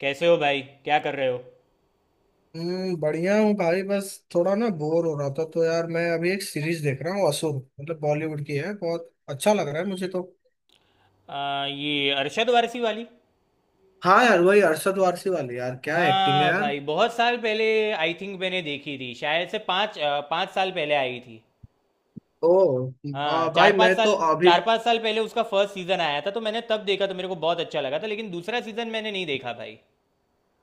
कैसे हो भाई? क्या कर रहे हो? बढ़िया हूँ भाई। बस थोड़ा ना बोर हो रहा था तो यार, मैं अभी एक सीरीज देख रहा हूँ असुर। मतलब बॉलीवुड की है, बहुत अच्छा लग रहा है मुझे तो। ये अरशद वारसी वाली? हाँ यार, वही अरशद वारसी वाली। यार क्या एक्टिंग है हाँ यार। भाई, बहुत साल पहले। आई थिंक मैंने देखी थी, शायद से पाँच साल पहले आई थी। ओ। हाँ, हाँ चार भाई, पाँच मैं तो साल अभी। 4-5 साल पहले उसका फर्स्ट सीजन आया था, तो मैंने तब देखा तो मेरे को बहुत अच्छा लगा था। लेकिन दूसरा सीजन मैंने नहीं देखा भाई।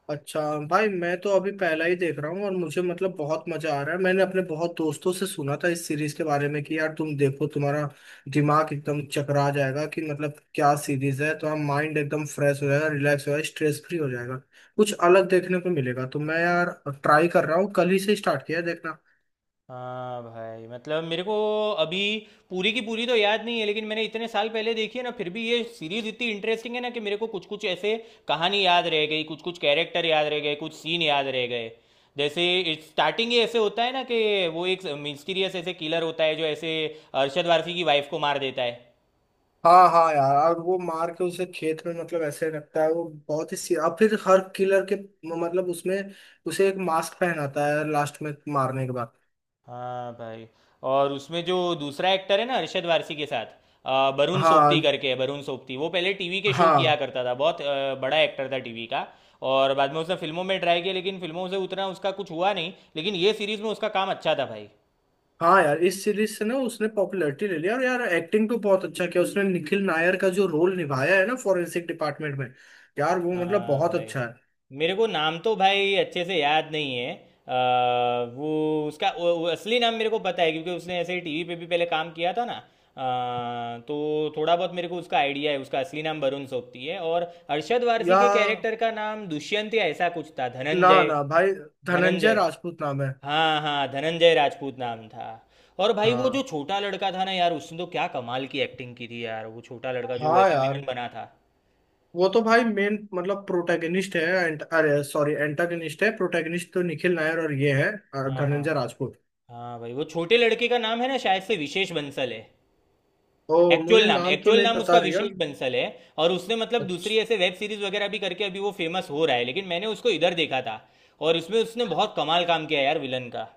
अच्छा। भाई मैं तो अभी पहला ही देख रहा हूँ और मुझे मतलब बहुत मजा आ रहा है। मैंने अपने बहुत दोस्तों से सुना था इस सीरीज के बारे में कि यार तुम देखो, तुम्हारा दिमाग एकदम चकरा जाएगा कि मतलब क्या सीरीज है। तो हम माइंड एकदम फ्रेश हो जाएगा, रिलैक्स हो जाएगा, स्ट्रेस फ्री हो जाएगा, कुछ अलग देखने को मिलेगा। तो मैं यार ट्राई कर रहा हूँ, कल ही से स्टार्ट किया है देखना। हाँ भाई, मतलब मेरे को अभी पूरी की पूरी तो याद नहीं है, लेकिन मैंने इतने साल पहले देखी है ना, फिर भी ये सीरीज इतनी इंटरेस्टिंग है ना कि मेरे को कुछ कुछ ऐसे कहानी याद रह गई, कुछ कुछ कैरेक्टर याद रह गए, कुछ सीन याद रह गए। जैसे स्टार्टिंग ही ऐसे होता है ना कि वो एक मिस्टीरियस ऐसे किलर होता है जो ऐसे अरशद वारसी की वाइफ को मार देता है। हाँ हाँ यार, और वो मार के उसे खेत में मतलब ऐसे रखता है। वो बहुत ही और फिर हर किलर के मतलब उसमें उसे एक मास्क पहनाता है लास्ट में मारने के बाद। हाँ भाई। और उसमें जो दूसरा एक्टर है ना अरशद वारसी के साथ, वरुण हाँ सोबती करके है। वरुण सोबती वो पहले टीवी के शो किया हाँ। करता था, बहुत बड़ा एक्टर था टीवी का। और बाद में उसने फिल्मों में ट्राई किया, लेकिन फिल्मों से उतना उसका कुछ हुआ नहीं, लेकिन ये सीरीज में उसका काम अच्छा था भाई। हाँ यार, इस सीरीज से ना उसने पॉपुलैरिटी ले लिया। और यार एक्टिंग तो बहुत अच्छा किया उसने, निखिल नायर का जो रोल निभाया है ना फॉरेंसिक डिपार्टमेंट में, यार वो मतलब हाँ बहुत भाई, अच्छा है। मेरे को नाम तो भाई अच्छे से याद नहीं है। अ, वो उसका वो असली नाम मेरे को पता है, क्योंकि उसने ऐसे ही टीवी पे भी पहले काम किया था ना। तो थोड़ा बहुत मेरे को उसका आइडिया है। उसका असली नाम वरुण सोबती है। और अरशद वारसी या के कैरेक्टर का नाम दुष्यंत या ऐसा कुछ था, ना धनंजय। ना भाई, धनंजय धनंजय, राजपूत नाम है। हाँ हाँ, धनंजय राजपूत नाम था। और भाई वो जो हाँ छोटा लड़का था ना यार, उसने तो क्या कमाल की एक्टिंग की थी यार। वो छोटा लड़का जो हाँ ऐसे यार, विलन बना था। वो तो भाई मेन मतलब प्रोटैगनिस्ट है। अरे सॉरी एंटागनिस्ट है। प्रोटैगनिस्ट तो निखिल नायर और ये है हाँ हाँ। धनंजय राजपूत। हाँ भाई, वो छोटे लड़के का नाम है ना, शायद से विशेष बंसल है। ओ, एक्चुअल मुझे नाम नाम तो एक्चुअल नहीं नाम पता उसका रिया। विशेष बंसल है। और उसने मतलब दूसरी अच्छा। ऐसे वेब सीरीज वगैरह भी करके अभी वो फेमस हो रहा है, लेकिन मैंने उसको इधर देखा था। और उसमें उसने बहुत कमाल काम किया यार, विलन का।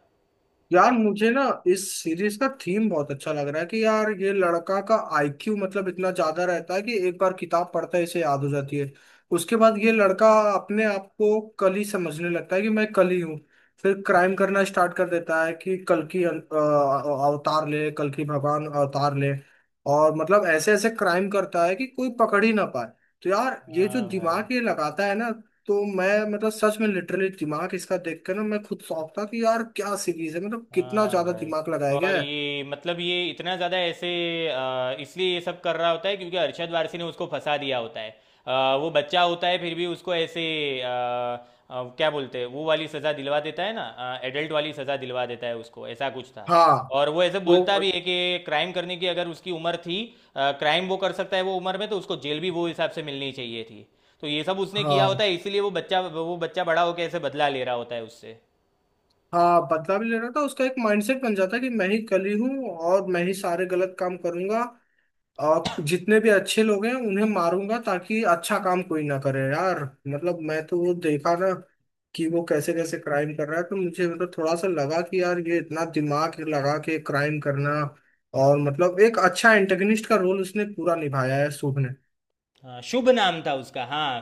यार मुझे ना इस सीरीज का थीम बहुत अच्छा लग रहा है कि यार ये लड़का का IQ मतलब इतना ज्यादा रहता है कि एक बार किताब पढ़ता है, इसे याद हो जाती है। उसके बाद ये लड़का अपने आप को कली समझने लगता है कि मैं कली हूँ। फिर क्राइम करना स्टार्ट कर देता है कि कल की अवतार ले, कल की भगवान अवतार ले। और मतलब ऐसे ऐसे क्राइम करता है कि कोई पकड़ ही ना पाए। तो यार ये जो हाँ भाई। दिमाग ये लगाता है ना, तो मैं मतलब सच में लिटरली दिमाग इसका देख कर ना मैं खुद शौक था कि यार क्या सीरीज है, मतलब कितना हाँ ज्यादा भाई। दिमाग लगाया और गया है। ये मतलब ये इतना ज़्यादा ऐसे इसलिए ये सब कर रहा होता है, क्योंकि अरशद वारसी ने उसको फंसा दिया होता है। वो बच्चा होता है, फिर भी उसको ऐसे आ, आ, क्या बोलते हैं वो वाली सज़ा दिलवा देता है ना, एडल्ट वाली सज़ा दिलवा देता है उसको, ऐसा कुछ था। हाँ। और वो ऐसे बोलता वो भी है कि क्राइम करने की अगर उसकी उम्र थी, क्राइम वो कर सकता है वो उम्र में, तो उसको जेल भी वो हिसाब से मिलनी चाहिए थी। तो ये सब उसने किया होता हाँ है, इसीलिए वो बच्चा बड़ा होकर ऐसे बदला ले रहा होता है उससे। हाँ, बदला भी ले रहा था। उसका एक माइंडसेट बन जाता है कि मैं ही कली हूँ और मैं ही सारे गलत काम करूंगा। आप जितने भी अच्छे लोग हैं उन्हें मारूंगा ताकि अच्छा काम कोई ना करे यार। मतलब मैं तो वो देखा ना कि वो कैसे कैसे क्राइम कर रहा है। तो मुझे मतलब थोड़ा सा लगा कि यार ये इतना दिमाग लगा के क्राइम करना। और मतलब एक अच्छा एंटेगनिस्ट का रोल उसने पूरा निभाया है शुभ ने। हाँ, शुभ नाम था उसका। हाँ,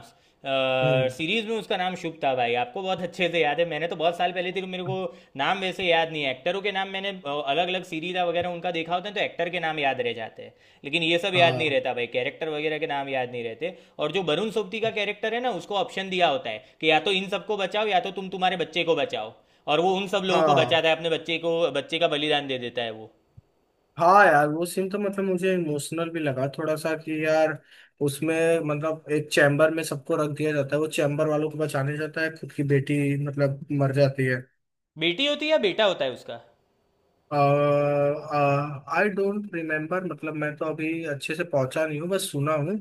हम्म। सीरीज में उसका नाम शुभ था भाई। आपको बहुत अच्छे से याद है। मैंने तो बहुत साल पहले थी तो मेरे को नाम वैसे याद नहीं है। एक्टरों के नाम मैंने अलग अलग सीरीज वगैरह उनका देखा होता है तो एक्टर के नाम याद रह जाते हैं, लेकिन ये सब याद नहीं हाँ रहता भाई, कैरेक्टर वगैरह के नाम याद नहीं रहते। और जो वरुण सोबती का कैरेक्टर है ना, उसको ऑप्शन दिया होता है कि या तो इन सबको बचाओ, या तो तुम तुम्हारे बच्चे को बचाओ। और वो उन सब लोगों को हाँ बचाता है, अपने बच्चे को, बच्चे का बलिदान दे देता है वो। हाँ यार, वो सीन तो मतलब मुझे इमोशनल भी लगा थोड़ा सा कि यार उसमें मतलब एक चैम्बर में सबको रख दिया जाता है, वो चैम्बर वालों को बचाने जाता है, खुद की बेटी मतलब मर जाती है। बेटी होती है या बेटा होता है उसका? I don't remember. मतलब मैं तो अभी अच्छे से पहुंचा नहीं हूँ, बस सुना हूँ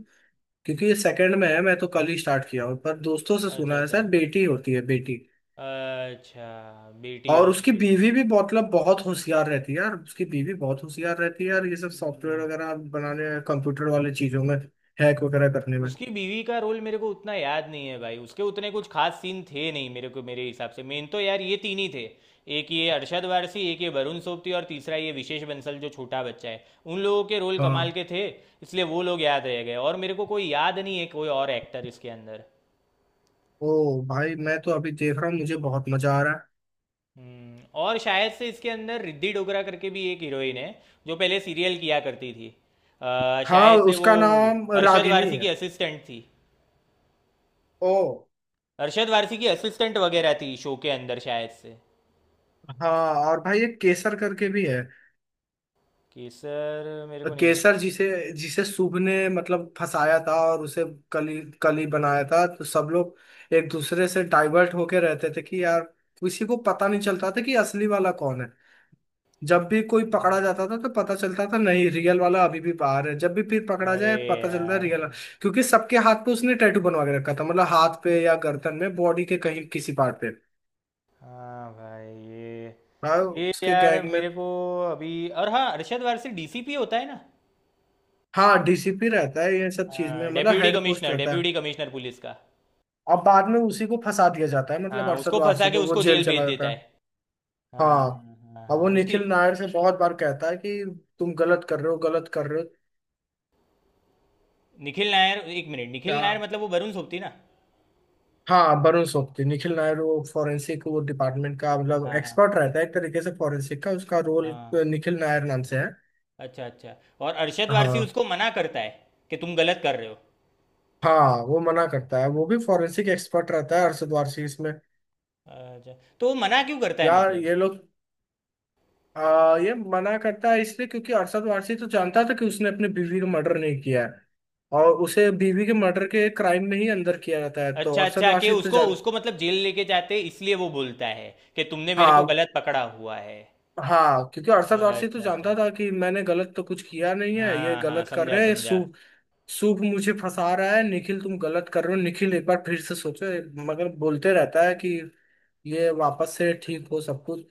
क्योंकि ये सेकंड में है, मैं तो कल ही स्टार्ट किया हूँ। पर दोस्तों से अच्छा सुना है अच्छा। सर, बेटी होती है बेटी। अच्छा, बेटी और उसकी होती है। बीवी भी मतलब बहुत होशियार रहती है यार। उसकी बीवी बहुत होशियार रहती है यार, ये सब सॉफ्टवेयर हम्म, वगैरह बनाने, कंप्यूटर वाले चीजों में, हैक वगैरह करने में। उसकी बीवी का रोल मेरे को उतना याद नहीं है भाई, उसके उतने कुछ खास सीन थे नहीं। मेरे को, मेरे हिसाब से मेन तो यार ये तीन ही थे। एक ये अरशद वारसी, एक ये वरुण सोबती, और तीसरा ये विशेष बंसल जो छोटा बच्चा है। उन लोगों के रोल कमाल हाँ। के थे, इसलिए वो लोग याद रह गए। और मेरे को कोई याद नहीं है, कोई और एक्टर इसके अंदर। ओ भाई मैं तो अभी देख रहा हूँ, मुझे बहुत मजा आ रहा है। और शायद से इसके अंदर रिद्धि डोगरा करके भी एक हीरोइन है, जो पहले सीरियल किया करती थी। हाँ, शायद से वो उसका नाम अरशद रागिनी वारसी की है। असिस्टेंट थी। ओ। अरशद वारसी की असिस्टेंट वगैरह थी शो के अंदर शायद से। हाँ, और भाई एक केसर करके भी है। कि सर, मेरे को नहीं मालूम। केसर जिसे जिसे शुभ ने मतलब फंसाया था, और उसे कली कली बनाया था। तो सब लोग एक दूसरे से डाइवर्ट होके रहते थे कि यार किसी को पता नहीं चलता था कि असली वाला कौन है। जब भी कोई पकड़ा जाता था तो पता चलता था, नहीं रियल वाला अभी भी बाहर है। जब भी फिर पकड़ा अरे जाए, पता चलता है यार। रियल। क्योंकि सबके हाथ पे उसने टैटू बनवा के रखा था, मतलब हाथ पे या गर्दन में, बॉडी के कहीं किसी पार्ट पे। हाँ भाई, ये हाँ, ये उसके यार गैंग में। मेरे को अभी। और हाँ, अरशद वारसी डीसीपी होता है ना। हाँ, DCP रहता है ये सब चीज में, हाँ, मतलब डेप्यूटी हेड पोस्ट कमिश्नर, रहता है। डेप्यूटी कमिश्नर पुलिस का। अब बाद में उसी को फंसा दिया जाता है, मतलब हाँ, अरशद उसको फंसा वारसी के को। वो उसको जेल जेल चला भेज देता जाता है। है। हाँ हाँ। हाँ अब वो हाँ, उसकी। निखिल नायर से बहुत बार कहता है कि तुम गलत कर रहे हो, गलत कर रहे निखिल नायर, एक मिनट, निखिल हो। नायर मतलब वो वरुण सोबती ना। हाँ, वरुण सोबती निखिल नायर वो फॉरेंसिक, वो डिपार्टमेंट का मतलब हाँ हाँ। एक्सपर्ट रहता है, एक तरीके से फॉरेंसिक का उसका रोल। हाँ। निखिल नायर नाम से है। अच्छा अच्छा। और अरशद वारसी हाँ उसको मना करता है कि तुम गलत कर रहे हो। हाँ, वो मना करता है। वो भी फॉरेंसिक एक्सपर्ट रहता है अरशद वारसी इसमें। अच्छा, तो वो मना क्यों करता है यार मतलब? ये लोग ये मना करता है इसलिए क्योंकि अरशद वारसी तो जानता था कि उसने अपनी बीवी का मर्डर नहीं किया है। और उसे बीवी के मर्डर के क्राइम में ही अंदर किया जाता है, तो अच्छा अरशद अच्छा, कि वारसी तो उसको, जान उसको मतलब जेल लेके जाते, इसलिए वो बोलता है कि तुमने मेरे को हाँ गलत पकड़ा हुआ है। हाँ, क्योंकि अरशद वारसी तो अच्छा जानता अच्छा, था कि मैंने गलत तो कुछ किया नहीं है, ये हाँ हाँ, गलत कर समझा रहे हैं। ये सू समझा। सूप मुझे फंसा रहा है। निखिल तुम गलत कर रहे हो, निखिल एक बार फिर से सोचो। मगर बोलते रहता है कि ये वापस से ठीक हो सब कुछ।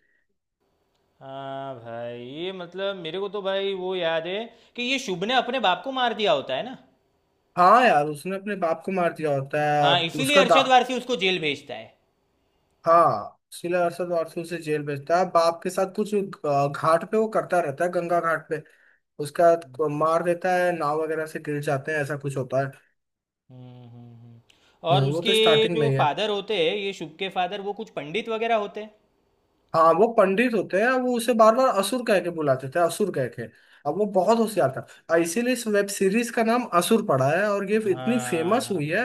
हाँ भाई, ये मतलब मेरे को तो भाई वो याद है कि ये शुभ ने अपने बाप को मार दिया होता है ना। हाँ यार, उसने अपने बाप को मार दिया होता हाँ, है। इसीलिए उसका दा अरशद वारसी उसको जेल भेजता है। हाँ सिला अरशद वारसी उसे जेल भेजता है। बाप के साथ कुछ घाट पे वो करता रहता है, गंगा घाट पे हम्म। उसका। मार देता है, नाव वगैरह से गिर जाते हैं, ऐसा कुछ होता है। हम्म, हम्म। और वो उसके तो स्टार्टिंग में जो ही है। फादर होते हैं, ये शुभ के फादर वो कुछ पंडित वगैरह होते हैं। हाँ, वो पंडित होते हैं। वो उसे बार बार असुर कह के बुलाते थे, असुर कह के। अब वो बहुत होशियार था, और इसीलिए इस वेब सीरीज का नाम असुर पड़ा है, और ये इतनी हाँ फेमस हाँ। हुई है।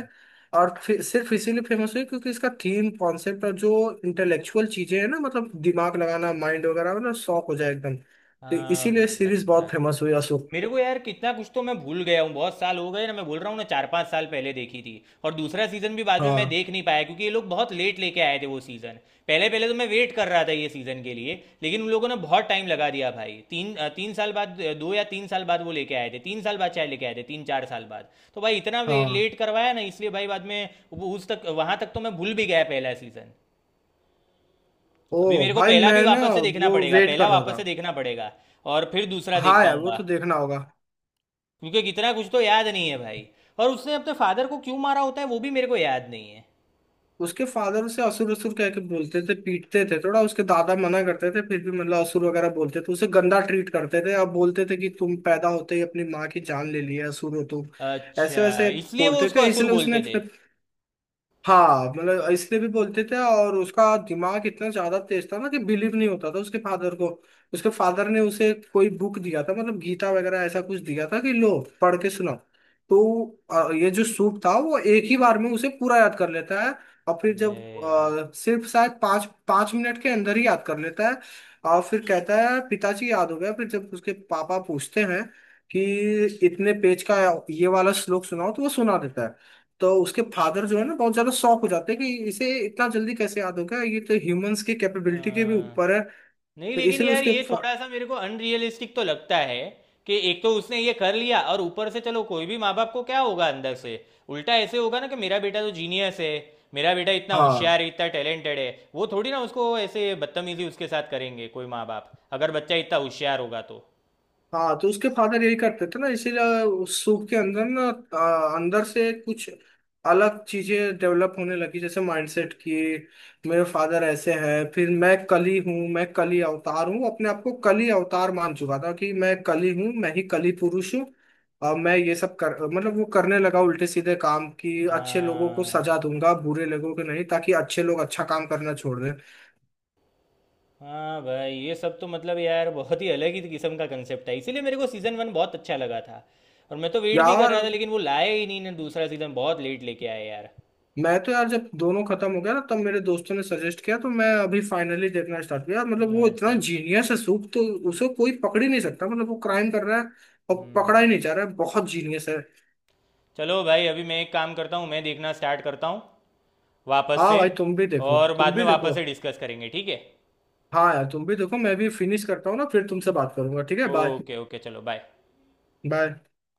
और सिर्फ इसीलिए फेमस हुई क्योंकि इसका थीम कॉन्सेप्ट और जो इंटेलेक्चुअल चीजें हैं ना मतलब दिमाग लगाना, माइंड वगैरह हो ना शौक हो जाए एकदम, तो हाँ इसीलिए भाई सीरीज बहुत यार, फेमस हुई असुर। मेरे को यार कितना कुछ तो मैं भूल गया हूँ। बहुत साल हो गए ना, मैं बोल रहा हूँ ना, 4-5 साल पहले देखी थी। और दूसरा सीजन भी बाद में मैं हाँ देख नहीं पाया, क्योंकि ये लोग बहुत लेट लेके आए थे वो सीजन। पहले पहले तो मैं वेट कर रहा था ये सीजन के लिए। लेकिन उन लोगों ने बहुत टाइम लगा दिया भाई, तीन साल बाद, 2 या 3 साल बाद वो लेके आए थे, 3 साल बाद शायद लेके आए थे, 3-4 साल बाद। तो भाई इतना हाँ। लेट करवाया ना, इसलिए भाई बाद में वो उस तक, वहां तक तो मैं भूल भी गया पहला सीजन। ओ अभी मेरे को भाई, पहला मैं भी ना वापस से देखना वो पड़ेगा, वेट पहला कर रहा वापस था। से देखना पड़ेगा। और फिर दूसरा देख हाँ यार, वो पाऊंगा, तो देखना होगा। क्योंकि कितना कुछ तो याद नहीं है भाई। और उसने अपने फादर को क्यों मारा होता है वो भी मेरे को याद नहीं है। उसके फादर उसे असुर असुर कह के बोलते थे, पीटते थे थोड़ा। उसके दादा मना करते थे फिर भी मतलब असुर वगैरह बोलते थे, उसे गंदा ट्रीट करते थे। अब बोलते थे कि तुम पैदा होते ही अपनी माँ की जान ले लिए, असुर हो तुम ऐसे अच्छा, वैसे इसलिए वो बोलते उसको थे। असुर इसलिए उसने बोलते थे। अपने। हाँ मतलब इसलिए भी बोलते थे, और उसका दिमाग इतना ज्यादा तेज था ना कि बिलीव नहीं होता था उसके फादर को। उसके फादर ने उसे कोई बुक दिया था मतलब गीता वगैरह, ऐसा कुछ दिया था कि लो पढ़ के सुनाओ। तो ये जो सूप था वो एक ही बार में उसे पूरा याद कर लेता है। और फिर अरे जब यार। सिर्फ शायद पाँच पाँच मिनट के अंदर ही याद कर लेता है। और फिर कहता है पिताजी याद हो गया। फिर जब उसके पापा पूछते हैं कि इतने पेज का ये वाला श्लोक सुनाओ, तो वो सुना देता है। तो उसके फादर जो है ना बहुत ज्यादा शॉक हो जाते हैं कि इसे इतना जल्दी कैसे याद होगा, ये तो ह्यूमंस की कैपेबिलिटी के भी अ, ऊपर है। तो नहीं, लेकिन इसलिए यार उसके ये थोड़ा सा मेरे को अनरियलिस्टिक तो लगता है कि एक तो उसने ये कर लिया, और ऊपर से चलो कोई भी माँ बाप को क्या होगा अंदर से? उल्टा ऐसे होगा ना कि मेरा बेटा तो जीनियस है, मेरा बेटा इतना होशियार हाँ है, इतना टैलेंटेड है। वो थोड़ी ना उसको ऐसे बदतमीजी उसके साथ करेंगे कोई माँ बाप, अगर बच्चा इतना होशियार होगा तो। हाँ, तो उसके फादर यही करते थे ना, इसीलिए उस सूप के अंदर ना अंदर से कुछ अलग चीजें डेवलप होने लगी। जैसे माइंडसेट की, मेरे फादर ऐसे हैं, फिर मैं कली हूँ, मैं कली अवतार हूँ। अपने आप को कली अवतार मान चुका था कि मैं कली हूँ, मैं ही कली पुरुष हूँ। और मैं ये सब कर मतलब वो करने लगा उल्टे सीधे काम कि अच्छे लोगों को सजा हाँ दूंगा, बुरे लोगों को नहीं, ताकि अच्छे लोग अच्छा काम करना छोड़ दें। हाँ भाई, ये सब तो मतलब यार बहुत ही अलग ही किस्म का कंसेप्ट है, इसीलिए मेरे को सीज़न 1 बहुत अच्छा लगा था। और मैं तो वेट भी कर यार रहा था, लेकिन वो लाए ही नहीं ना दूसरा सीज़न, बहुत लेट लेके आए यार। मैं तो यार, जब दोनों खत्म हो गया ना तब मेरे दोस्तों ने सजेस्ट किया, तो मैं अभी फाइनली देखना स्टार्ट किया। मतलब वो इतना अच्छा। जीनियस है सूप तो, उसे कोई पकड़ ही नहीं सकता। मतलब वो क्राइम कर रहा है और हम्म पकड़ा ही नहीं जा रहा है, बहुत जीनियस है। चलो भाई, अभी मैं एक काम करता हूँ, मैं देखना स्टार्ट करता हूँ वापस हाँ से। भाई, तुम भी देखो और तुम बाद में भी देखो। वापस से डिस्कस करेंगे, ठीक है? हाँ यार, तुम भी देखो। मैं भी फिनिश करता हूँ ना, फिर तुमसे बात करूंगा। ठीक है, बाय। ओके ओके, चलो बाय। बाय।